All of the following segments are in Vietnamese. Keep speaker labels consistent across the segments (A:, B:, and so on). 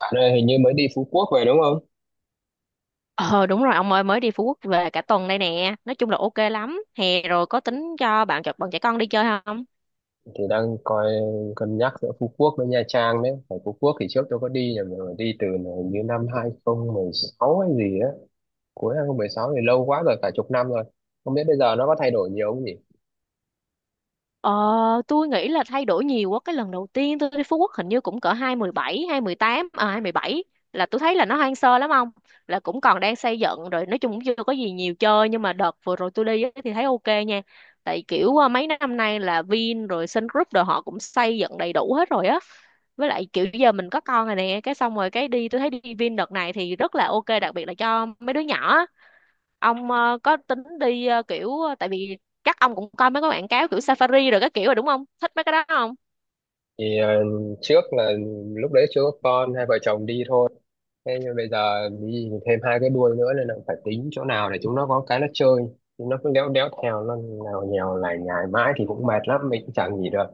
A: Bạn ơi, hình như mới đi Phú Quốc về đúng không?
B: Ờ đúng rồi ông ơi, mới đi Phú Quốc về cả tuần đây nè. Nói chung là ok lắm. Hè rồi có tính cho bạn trẻ con đi chơi không?
A: Thì đang coi, cân nhắc giữa Phú Quốc với Nha Trang đấy. Ở Phú Quốc thì trước tôi có đi rồi, mà đi từ hình như năm 2016 hay gì á. Cuối 2016 thì lâu quá rồi, cả chục năm rồi. Không biết bây giờ nó có thay đổi nhiều không nhỉ?
B: Ờ tôi nghĩ là thay đổi nhiều quá. Cái lần đầu tiên tôi đi Phú Quốc hình như cũng cỡ 2017, hai mười bảy, là tôi thấy là nó hoang sơ lắm ông. Là cũng còn đang xây dựng rồi. Nói chung cũng chưa có gì nhiều chơi. Nhưng mà đợt vừa rồi tôi đi á thì thấy ok nha. Tại kiểu mấy năm nay là Vin rồi Sun Group rồi họ cũng xây dựng đầy đủ hết rồi á, với lại kiểu giờ mình có con rồi nè, cái xong rồi cái đi tôi thấy đi Vin đợt này thì rất là ok, đặc biệt là cho mấy đứa nhỏ á. Ông có tính đi kiểu tại vì chắc ông cũng coi mấy cái quảng cáo kiểu safari rồi các kiểu rồi đúng không, thích mấy cái đó không?
A: Thì trước là lúc đấy chưa có con, hai vợ chồng đi thôi. Thế nhưng bây giờ đi thêm hai cái đuôi nữa nên là phải tính chỗ nào để chúng nó có cái nó chơi. Chúng nó cứ đéo đéo theo, nó nào nhèo lại nhải mãi thì cũng mệt lắm, mình cũng chẳng gì được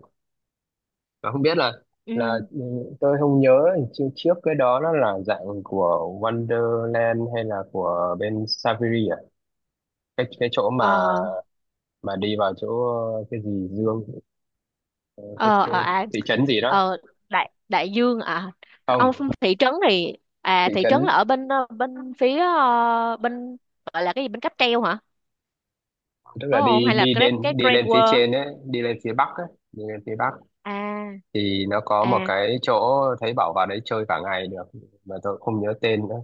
A: mà không biết là là
B: Ừ.
A: ừ, tôi không nhớ trước trước cái đó nó là dạng của Wonderland hay là của bên Saviri à. Cái chỗ mà
B: Ờ.
A: mà đi vào chỗ cái gì Dương, cái, cái
B: Ờ À,
A: thị trấn gì đó.
B: ờ đại đại dương à ông?
A: Không,
B: Thị trấn thì à,
A: thị
B: thị
A: trấn
B: trấn là ở bên bên phía bên gọi là cái gì, bên cáp treo hả?
A: tức
B: Đúng
A: là
B: không?
A: đi,
B: Hay là
A: đi
B: cái
A: lên đi
B: Grand
A: lên phía
B: World?
A: trên ấy, đi lên phía bắc ấy, đi lên phía bắc
B: À.
A: thì nó có một
B: À.
A: cái chỗ thấy bảo vào đấy chơi cả ngày được mà tôi không nhớ tên nữa.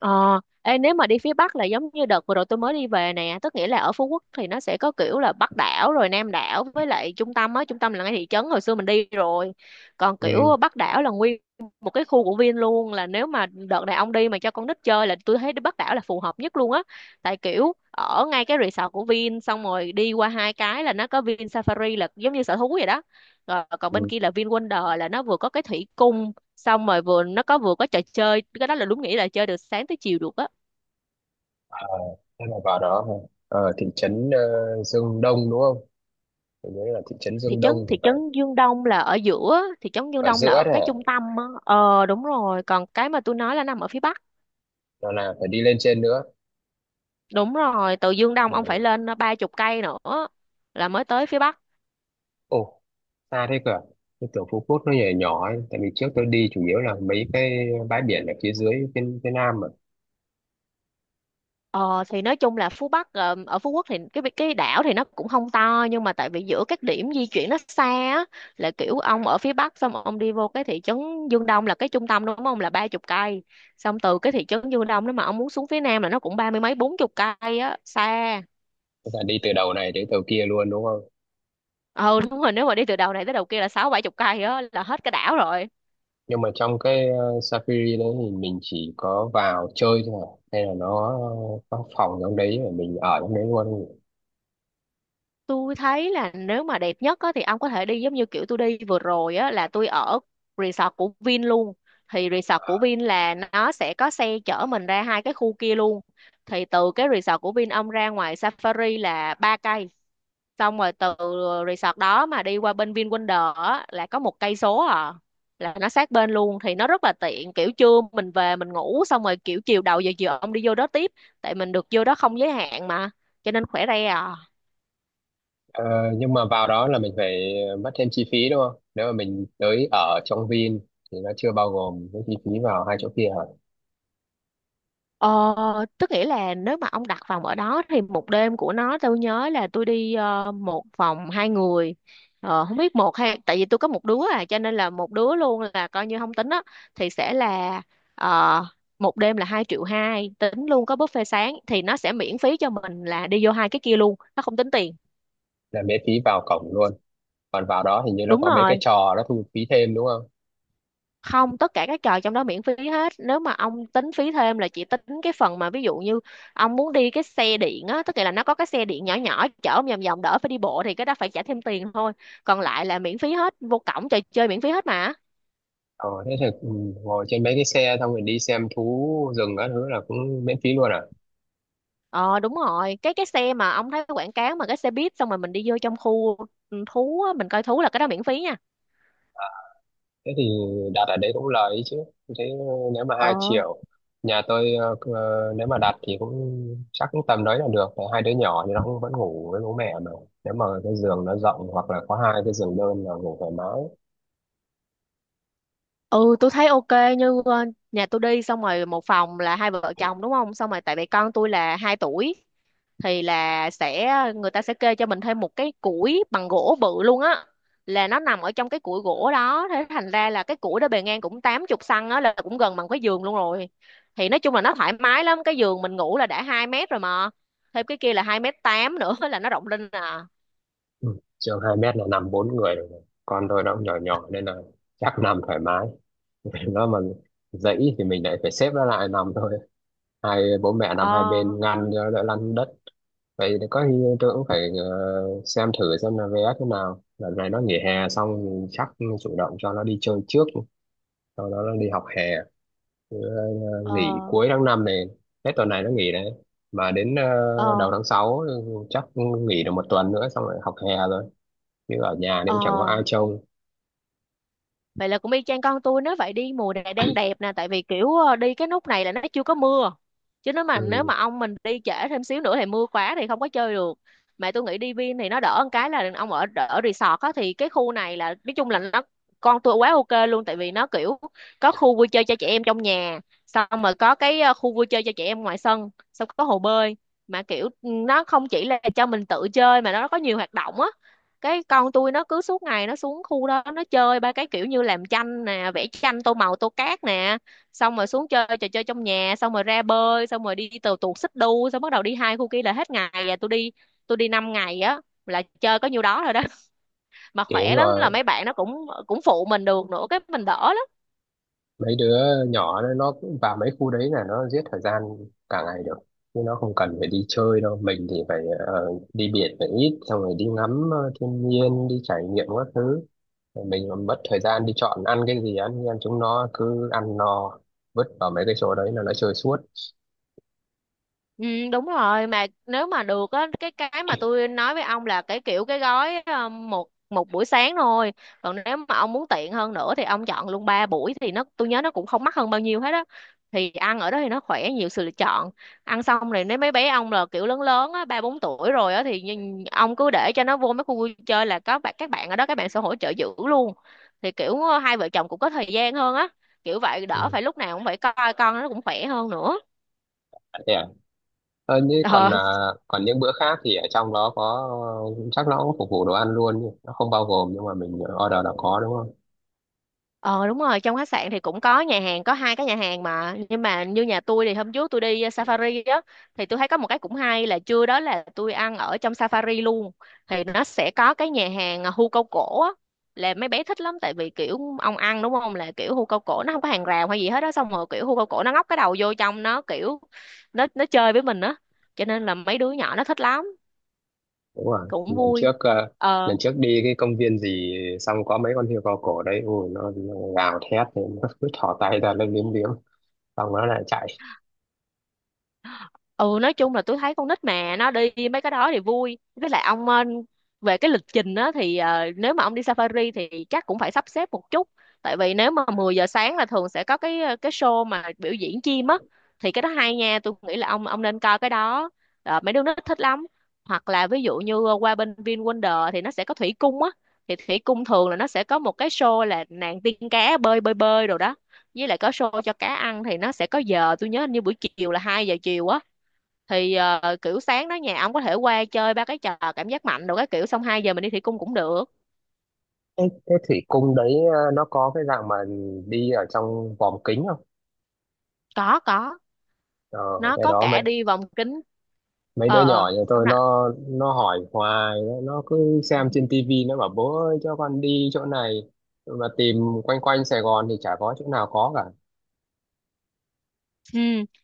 B: Ờ, ê, nếu mà đi phía Bắc là giống như đợt vừa rồi tôi mới đi về nè, tức nghĩa là ở Phú Quốc thì nó sẽ có kiểu là Bắc đảo rồi Nam đảo với lại trung tâm á, trung tâm là ngay thị trấn hồi xưa mình đi rồi. Còn
A: Ừ,
B: kiểu Bắc đảo là nguyên một cái khu của Vin luôn, là nếu mà đợt này ông đi mà cho con nít chơi là tôi thấy đi Bắc đảo là phù hợp nhất luôn á. Tại kiểu ở ngay cái resort của Vin xong rồi đi qua hai cái là nó có Vin Safari là giống như sở thú vậy đó. Rồi còn bên
A: ừ.
B: kia là Vin Wonder là nó vừa có cái thủy cung xong rồi vừa nó có vừa có trò chơi, cái đó là đúng nghĩa là chơi được sáng tới chiều được á.
A: Ờ, thế là vào đó hả? Ở thị trấn Dương Đông đúng không, tôi nhớ là thị trấn Dương Đông thì
B: Thị
A: phải.
B: trấn Dương Đông là ở giữa, thị trấn Dương
A: Ở
B: Đông
A: giữa
B: là
A: đấy
B: ở cái
A: đó
B: trung tâm á, ờ đúng rồi, còn cái mà tôi nói là nằm ở phía bắc.
A: là phải đi lên trên nữa.
B: Đúng rồi, từ Dương Đông ông phải
A: Ừ.
B: lên ba chục cây nữa là mới tới phía bắc.
A: Ồ, xa thế cơ à? Tôi tưởng Phú Quốc nó nhỏ nhỏ ấy. Tại vì trước tôi đi chủ yếu là mấy cái bãi biển ở phía dưới, phía nam mà.
B: Ờ thì nói chung là ở Phú Quốc thì cái đảo thì nó cũng không to, nhưng mà tại vì giữa các điểm di chuyển nó xa á, là kiểu ông ở phía Bắc xong ông đi vô cái thị trấn Dương Đông là cái trung tâm đúng không, là ba chục cây, xong từ cái thị trấn Dương Đông đó mà ông muốn xuống phía Nam là nó cũng ba mươi mấy bốn chục cây á, xa.
A: Tức là đi từ đầu này đến đầu kia luôn đúng không?
B: Ừ đúng rồi, nếu mà đi từ đầu này tới đầu kia là sáu bảy chục cây á, là hết cái đảo rồi.
A: Nhưng mà trong cái Safari đấy thì mình chỉ có vào chơi thôi à? Hay là nó có phòng trong đấy mà mình ở trong đấy luôn không nhỉ?
B: Tôi thấy là nếu mà đẹp nhất á, thì ông có thể đi giống như kiểu tôi đi vừa rồi á, là tôi ở resort của Vin luôn. Thì resort của Vin là nó sẽ có xe chở mình ra hai cái khu kia luôn. Thì từ cái resort của Vin ông ra ngoài Safari là ba cây. Xong rồi từ resort đó mà đi qua bên VinWonder á, là có một cây số à. Là nó sát bên luôn, thì nó rất là tiện, kiểu trưa mình về mình ngủ xong rồi kiểu chiều đầu giờ chiều ông đi vô đó tiếp, tại mình được vô đó không giới hạn mà, cho nên khỏe re à.
A: Ờ, nhưng mà vào đó là mình phải mất thêm chi phí đúng không? Nếu mà mình tới ở trong Vin thì nó chưa bao gồm cái chi phí vào hai chỗ kia hả?
B: Ờ, tức nghĩa là nếu mà ông đặt phòng ở đó thì một đêm của nó tôi nhớ là tôi đi một phòng hai người, không biết một hay tại vì tôi có một đứa à, cho nên là một đứa luôn là coi như không tính á, thì sẽ là ờ, một đêm là hai triệu hai, tính luôn có buffet sáng, thì nó sẽ miễn phí cho mình là đi vô hai cái kia luôn, nó không tính tiền.
A: Là miễn phí vào cổng luôn, còn vào đó hình như nó
B: Đúng
A: có mấy cái
B: rồi.
A: trò nó thu phí thêm đúng không?
B: Không, tất cả các trò trong đó miễn phí hết, nếu mà ông tính phí thêm là chỉ tính cái phần mà ví dụ như ông muốn đi cái xe điện á, tức là nó có cái xe điện nhỏ nhỏ chở ông vòng vòng đỡ phải đi bộ thì cái đó phải trả thêm tiền thôi, còn lại là miễn phí hết, vô cổng trò chơi miễn phí hết mà.
A: Ờ Thế thì ngồi trên mấy cái xe xong rồi đi xem thú rừng các thứ là cũng miễn phí luôn à?
B: Ờ đúng rồi, cái xe mà ông thấy quảng cáo mà cái xe buýt xong rồi mình đi vô trong khu ừ, thú á, mình coi thú là cái đó miễn phí nha.
A: Thế thì đặt ở đấy cũng lời ấy chứ. Thế nếu mà
B: Ờ.
A: 2 triệu, nhà tôi nếu mà đặt thì cũng chắc cũng tầm đấy là được, tại hai đứa nhỏ thì nó cũng vẫn ngủ với bố mẹ mà. Nếu mà cái giường nó rộng hoặc là có hai cái giường đơn là ngủ thoải mái.
B: Ừ tôi thấy ok, như nhà tôi đi xong rồi một phòng là hai vợ chồng đúng không, xong rồi tại vì con tôi là hai tuổi thì là sẽ người ta sẽ kê cho mình thêm một cái củi bằng gỗ bự luôn á, là nó nằm ở trong cái củi gỗ đó, thế thành ra là cái củi đó bề ngang cũng tám chục xăng á là cũng gần bằng cái giường luôn rồi, thì nói chung là nó thoải mái lắm, cái giường mình ngủ là đã 2 mét rồi mà thêm cái kia là 2 mét tám nữa là nó rộng lên à.
A: Ừ, giường 2 mét là nằm bốn người được rồi, con tôi nó cũng nhỏ nhỏ nên là chắc nằm thoải mái. Nó mà dãy thì mình lại phải xếp nó lại nằm thôi, hai bố mẹ nằm hai
B: ờ
A: bên ngăn cho đỡ lăn đất. Vậy thì có khi tôi cũng phải xem thử xem là vé thế nào, lần này nó nghỉ hè xong mình chắc chủ động cho nó đi chơi trước, sau đó nó đi học hè. Chứ
B: ờ
A: nghỉ cuối tháng năm này, hết tuần này nó nghỉ đấy, mà đến đầu
B: ờ
A: tháng 6 chắc nghỉ được một tuần nữa xong rồi học hè rồi, chứ ở nhà thì
B: ờ
A: cũng chẳng có ai trông.
B: Vậy là cũng y chang con tôi, nếu vậy đi mùa này đang đẹp nè, tại vì kiểu đi cái nút này là nó chưa có mưa, chứ nếu
A: Ừ,
B: mà ông mình đi trễ thêm xíu nữa thì mưa quá thì không có chơi được. Mà tôi nghĩ đi Vin thì nó đỡ một cái là ông ở ở resort á, thì cái khu này là nói chung là nó con tôi quá ok luôn, tại vì nó kiểu có khu vui chơi cho trẻ em trong nhà xong rồi có cái khu vui chơi cho trẻ em ngoài sân, xong có hồ bơi, mà kiểu nó không chỉ là cho mình tự chơi mà nó có nhiều hoạt động á, cái con tôi nó cứ suốt ngày nó xuống khu đó nó chơi ba cái kiểu như làm tranh nè, vẽ tranh tô màu tô cát nè, xong rồi xuống chơi trò chơi trong nhà xong rồi ra bơi xong rồi đi tàu tuột xích đu xong bắt đầu đi hai khu kia là hết ngày, và tôi đi 5 ngày á, là chơi có nhiêu đó rồi đó mà
A: kiểu
B: khỏe lắm
A: rồi
B: là mấy bạn nó cũng cũng phụ mình được nữa, cái mình đỡ lắm.
A: mấy đứa nhỏ nó cũng vào mấy khu đấy là nó giết thời gian cả ngày được, chứ nó không cần phải đi chơi đâu. Mình thì phải ờ, đi biển phải ít, xong rồi đi ngắm thiên nhiên, đi trải nghiệm các thứ. Rồi mình còn mất thời gian đi chọn ăn cái gì ăn, nhưng chúng nó cứ ăn no vứt vào mấy cái chỗ đấy là nó chơi suốt.
B: Ừ, đúng rồi, mà nếu mà được á, cái mà tôi nói với ông là cái kiểu cái gói một một buổi sáng thôi, còn nếu mà ông muốn tiện hơn nữa thì ông chọn luôn ba buổi thì nó tôi nhớ nó cũng không mắc hơn bao nhiêu hết á, thì ăn ở đó thì nó khỏe, nhiều sự lựa chọn, ăn xong rồi nếu mấy bé ông là kiểu lớn lớn á ba bốn tuổi rồi á thì ông cứ để cho nó vô mấy khu vui chơi là có bạn, các bạn ở đó các bạn sẽ hỗ trợ giữ luôn, thì kiểu hai vợ chồng cũng có thời gian hơn á, kiểu vậy đỡ
A: Ừ.
B: phải lúc nào cũng phải coi con, nó cũng khỏe hơn nữa.
A: Thế à? Ờ, như còn à, còn những bữa khác thì ở trong đó có, chắc nó cũng phục vụ đồ ăn luôn nhỉ? Nó không bao gồm nhưng mà mình order là có đúng không?
B: Ờ đúng rồi, trong khách sạn thì cũng có nhà hàng, có hai cái nhà hàng mà, nhưng mà như nhà tôi thì hôm trước tôi đi safari á thì tôi thấy có một cái cũng hay là trưa đó là tôi ăn ở trong safari luôn. Thì nó sẽ có cái nhà hàng hươu câu cổ á, là mấy bé thích lắm, tại vì kiểu ông ăn đúng không là kiểu hươu câu cổ nó không có hàng rào hay gì hết á, xong rồi kiểu hươu câu cổ nó ngóc cái đầu vô trong nó kiểu nó chơi với mình á, cho nên là mấy đứa nhỏ nó thích lắm,
A: Đúng rồi,
B: cũng vui. Ờ.
A: lần trước đi cái công viên gì xong có mấy con hươu cao cổ đấy, ui nó gào thét thì nó cứ thỏ tay ra nó liếm liếm xong nó lại chạy.
B: Ừ nói chung là tôi thấy con nít mà nó đi mấy cái đó thì vui, với lại ông về cái lịch trình á thì nếu mà ông đi safari thì chắc cũng phải sắp xếp một chút, tại vì nếu mà 10 giờ sáng là thường sẽ có cái show mà biểu diễn chim á, thì cái đó hay nha, tôi nghĩ là ông nên coi cái đó. Ờ, mấy đứa nó thích lắm, hoặc là ví dụ như qua bên VinWonder thì nó sẽ có thủy cung á, thì thủy cung thường là nó sẽ có một cái show là nàng tiên cá bơi bơi bơi rồi đó, với lại có show cho cá ăn thì nó sẽ có giờ tôi nhớ hình như buổi chiều là 2 giờ chiều á, thì kiểu sáng đó nhà ông có thể qua chơi ba cái trò cảm giác mạnh đồ cái kiểu, xong 2 giờ mình đi thủy cung cũng được.
A: Thế thủy cung đấy nó có cái dạng mà đi ở trong vòm kính không?
B: Có,
A: ờ,
B: nó
A: cái
B: có
A: đó mấy
B: cả đi vòng kính.
A: mấy đứa
B: Ờ. Ờ
A: nhỏ nhà
B: ông.
A: tôi nó hỏi hoài, nó cứ xem trên tivi nó bảo bố ơi cho con đi chỗ này, mà tìm quanh quanh Sài Gòn thì chả có chỗ nào có cả.
B: Ừ,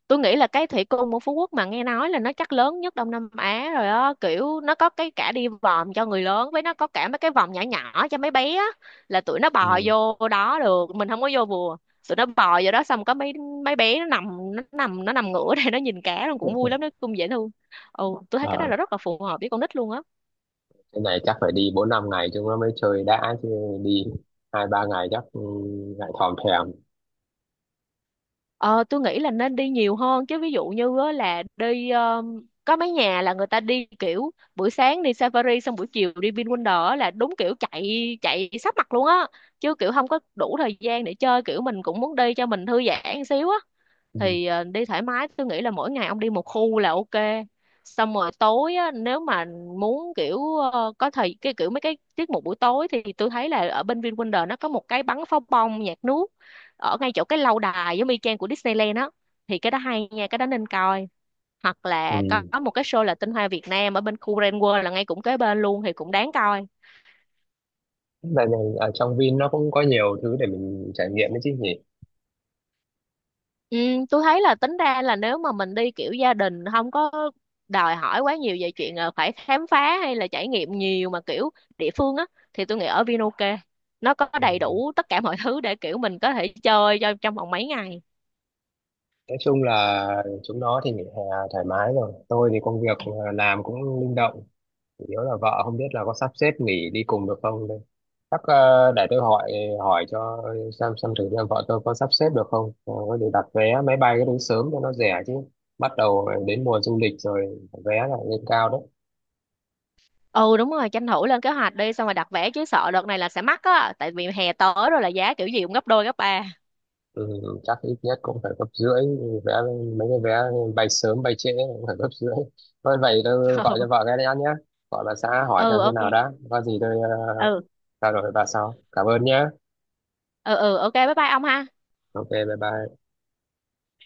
B: tôi nghĩ là cái thủy cung của Phú Quốc mà nghe nói là nó chắc lớn nhất Đông Nam Á rồi á, kiểu nó có cái cả đi vòm cho người lớn với nó có cả mấy cái vòm nhỏ nhỏ cho mấy bé á, là tụi nó bò vô đó được, mình không có vô bùa. Tụi nó bò vô đó xong có mấy mấy bé nó nằm ngửa đây nó nhìn cá luôn, cũng vui lắm, nó cũng dễ thương. Ừ, tôi thấy cái đó là
A: Ừ.
B: rất là phù hợp với con nít luôn á.
A: Cái này chắc phải đi bốn năm ngày chúng nó mới chơi đã chứ, đi hai ba ngày chắc lại thòm thèm.
B: Ờ, tôi nghĩ là nên đi nhiều hơn chứ, ví dụ như á, là đi có mấy nhà là người ta đi kiểu buổi sáng đi Safari xong buổi chiều đi VinWonder á, là đúng kiểu chạy chạy sắp mặt luôn á, chứ kiểu không có đủ thời gian để chơi, kiểu mình cũng muốn đi cho mình thư giãn xíu á,
A: Ừ.
B: thì đi thoải mái tôi nghĩ là mỗi ngày ông đi một khu là ok, xong rồi tối á, nếu mà muốn kiểu có thời cái kiểu mấy cái tiết mục buổi tối thì tôi thấy là ở bên VinWonder nó có một cái bắn pháo bông nhạc nước ở ngay chỗ cái lâu đài giống y chang của Disneyland á, thì cái đó hay nha, cái đó nên coi, hoặc
A: Ừ.
B: là có một cái show là tinh hoa Việt Nam ở bên khu Grand World là ngay cũng kế bên luôn thì cũng đáng coi.
A: Tại này ở trong Vin nó cũng có nhiều thứ để mình trải nghiệm đấy chứ nhỉ.
B: Ừ, tôi thấy là tính ra là nếu mà mình đi kiểu gia đình không có đòi hỏi quá nhiều về chuyện phải khám phá hay là trải nghiệm nhiều mà kiểu địa phương á, thì tôi nghĩ ở Vinoke nó có đầy đủ tất cả mọi thứ để kiểu mình có thể chơi cho trong vòng mấy ngày.
A: Nói chung là chúng nó thì nghỉ hè thoải mái rồi, tôi thì công việc làm cũng linh động, chủ yếu là vợ không biết là có sắp xếp nghỉ đi cùng được không đây. Chắc để tôi hỏi hỏi cho xem thử xem vợ tôi có sắp xếp được không, rồi có gì đặt vé máy bay cái đúng sớm cho nó rẻ chứ, bắt đầu đến mùa du lịch rồi vé lại lên cao đấy.
B: Ừ đúng rồi, tranh thủ lên kế hoạch đi xong rồi đặt vé chứ sợ đợt này là sẽ mắc á, tại vì hè tới rồi là giá kiểu gì cũng gấp đôi gấp ba.
A: Ừ, chắc ít nhất cũng phải gấp rưỡi, vé mấy cái vé bay sớm bay trễ cũng phải gấp rưỡi. Thôi vậy tôi gọi cho vợ cái đã nhé, gọi bà xã hỏi
B: Ừ
A: xem thế
B: ok.
A: nào đã, có gì tôi
B: Ừ
A: trao đổi với bà sau, cảm ơn nhé.
B: ừ ừ ok bye bye ông ha.
A: Ok, bye bye.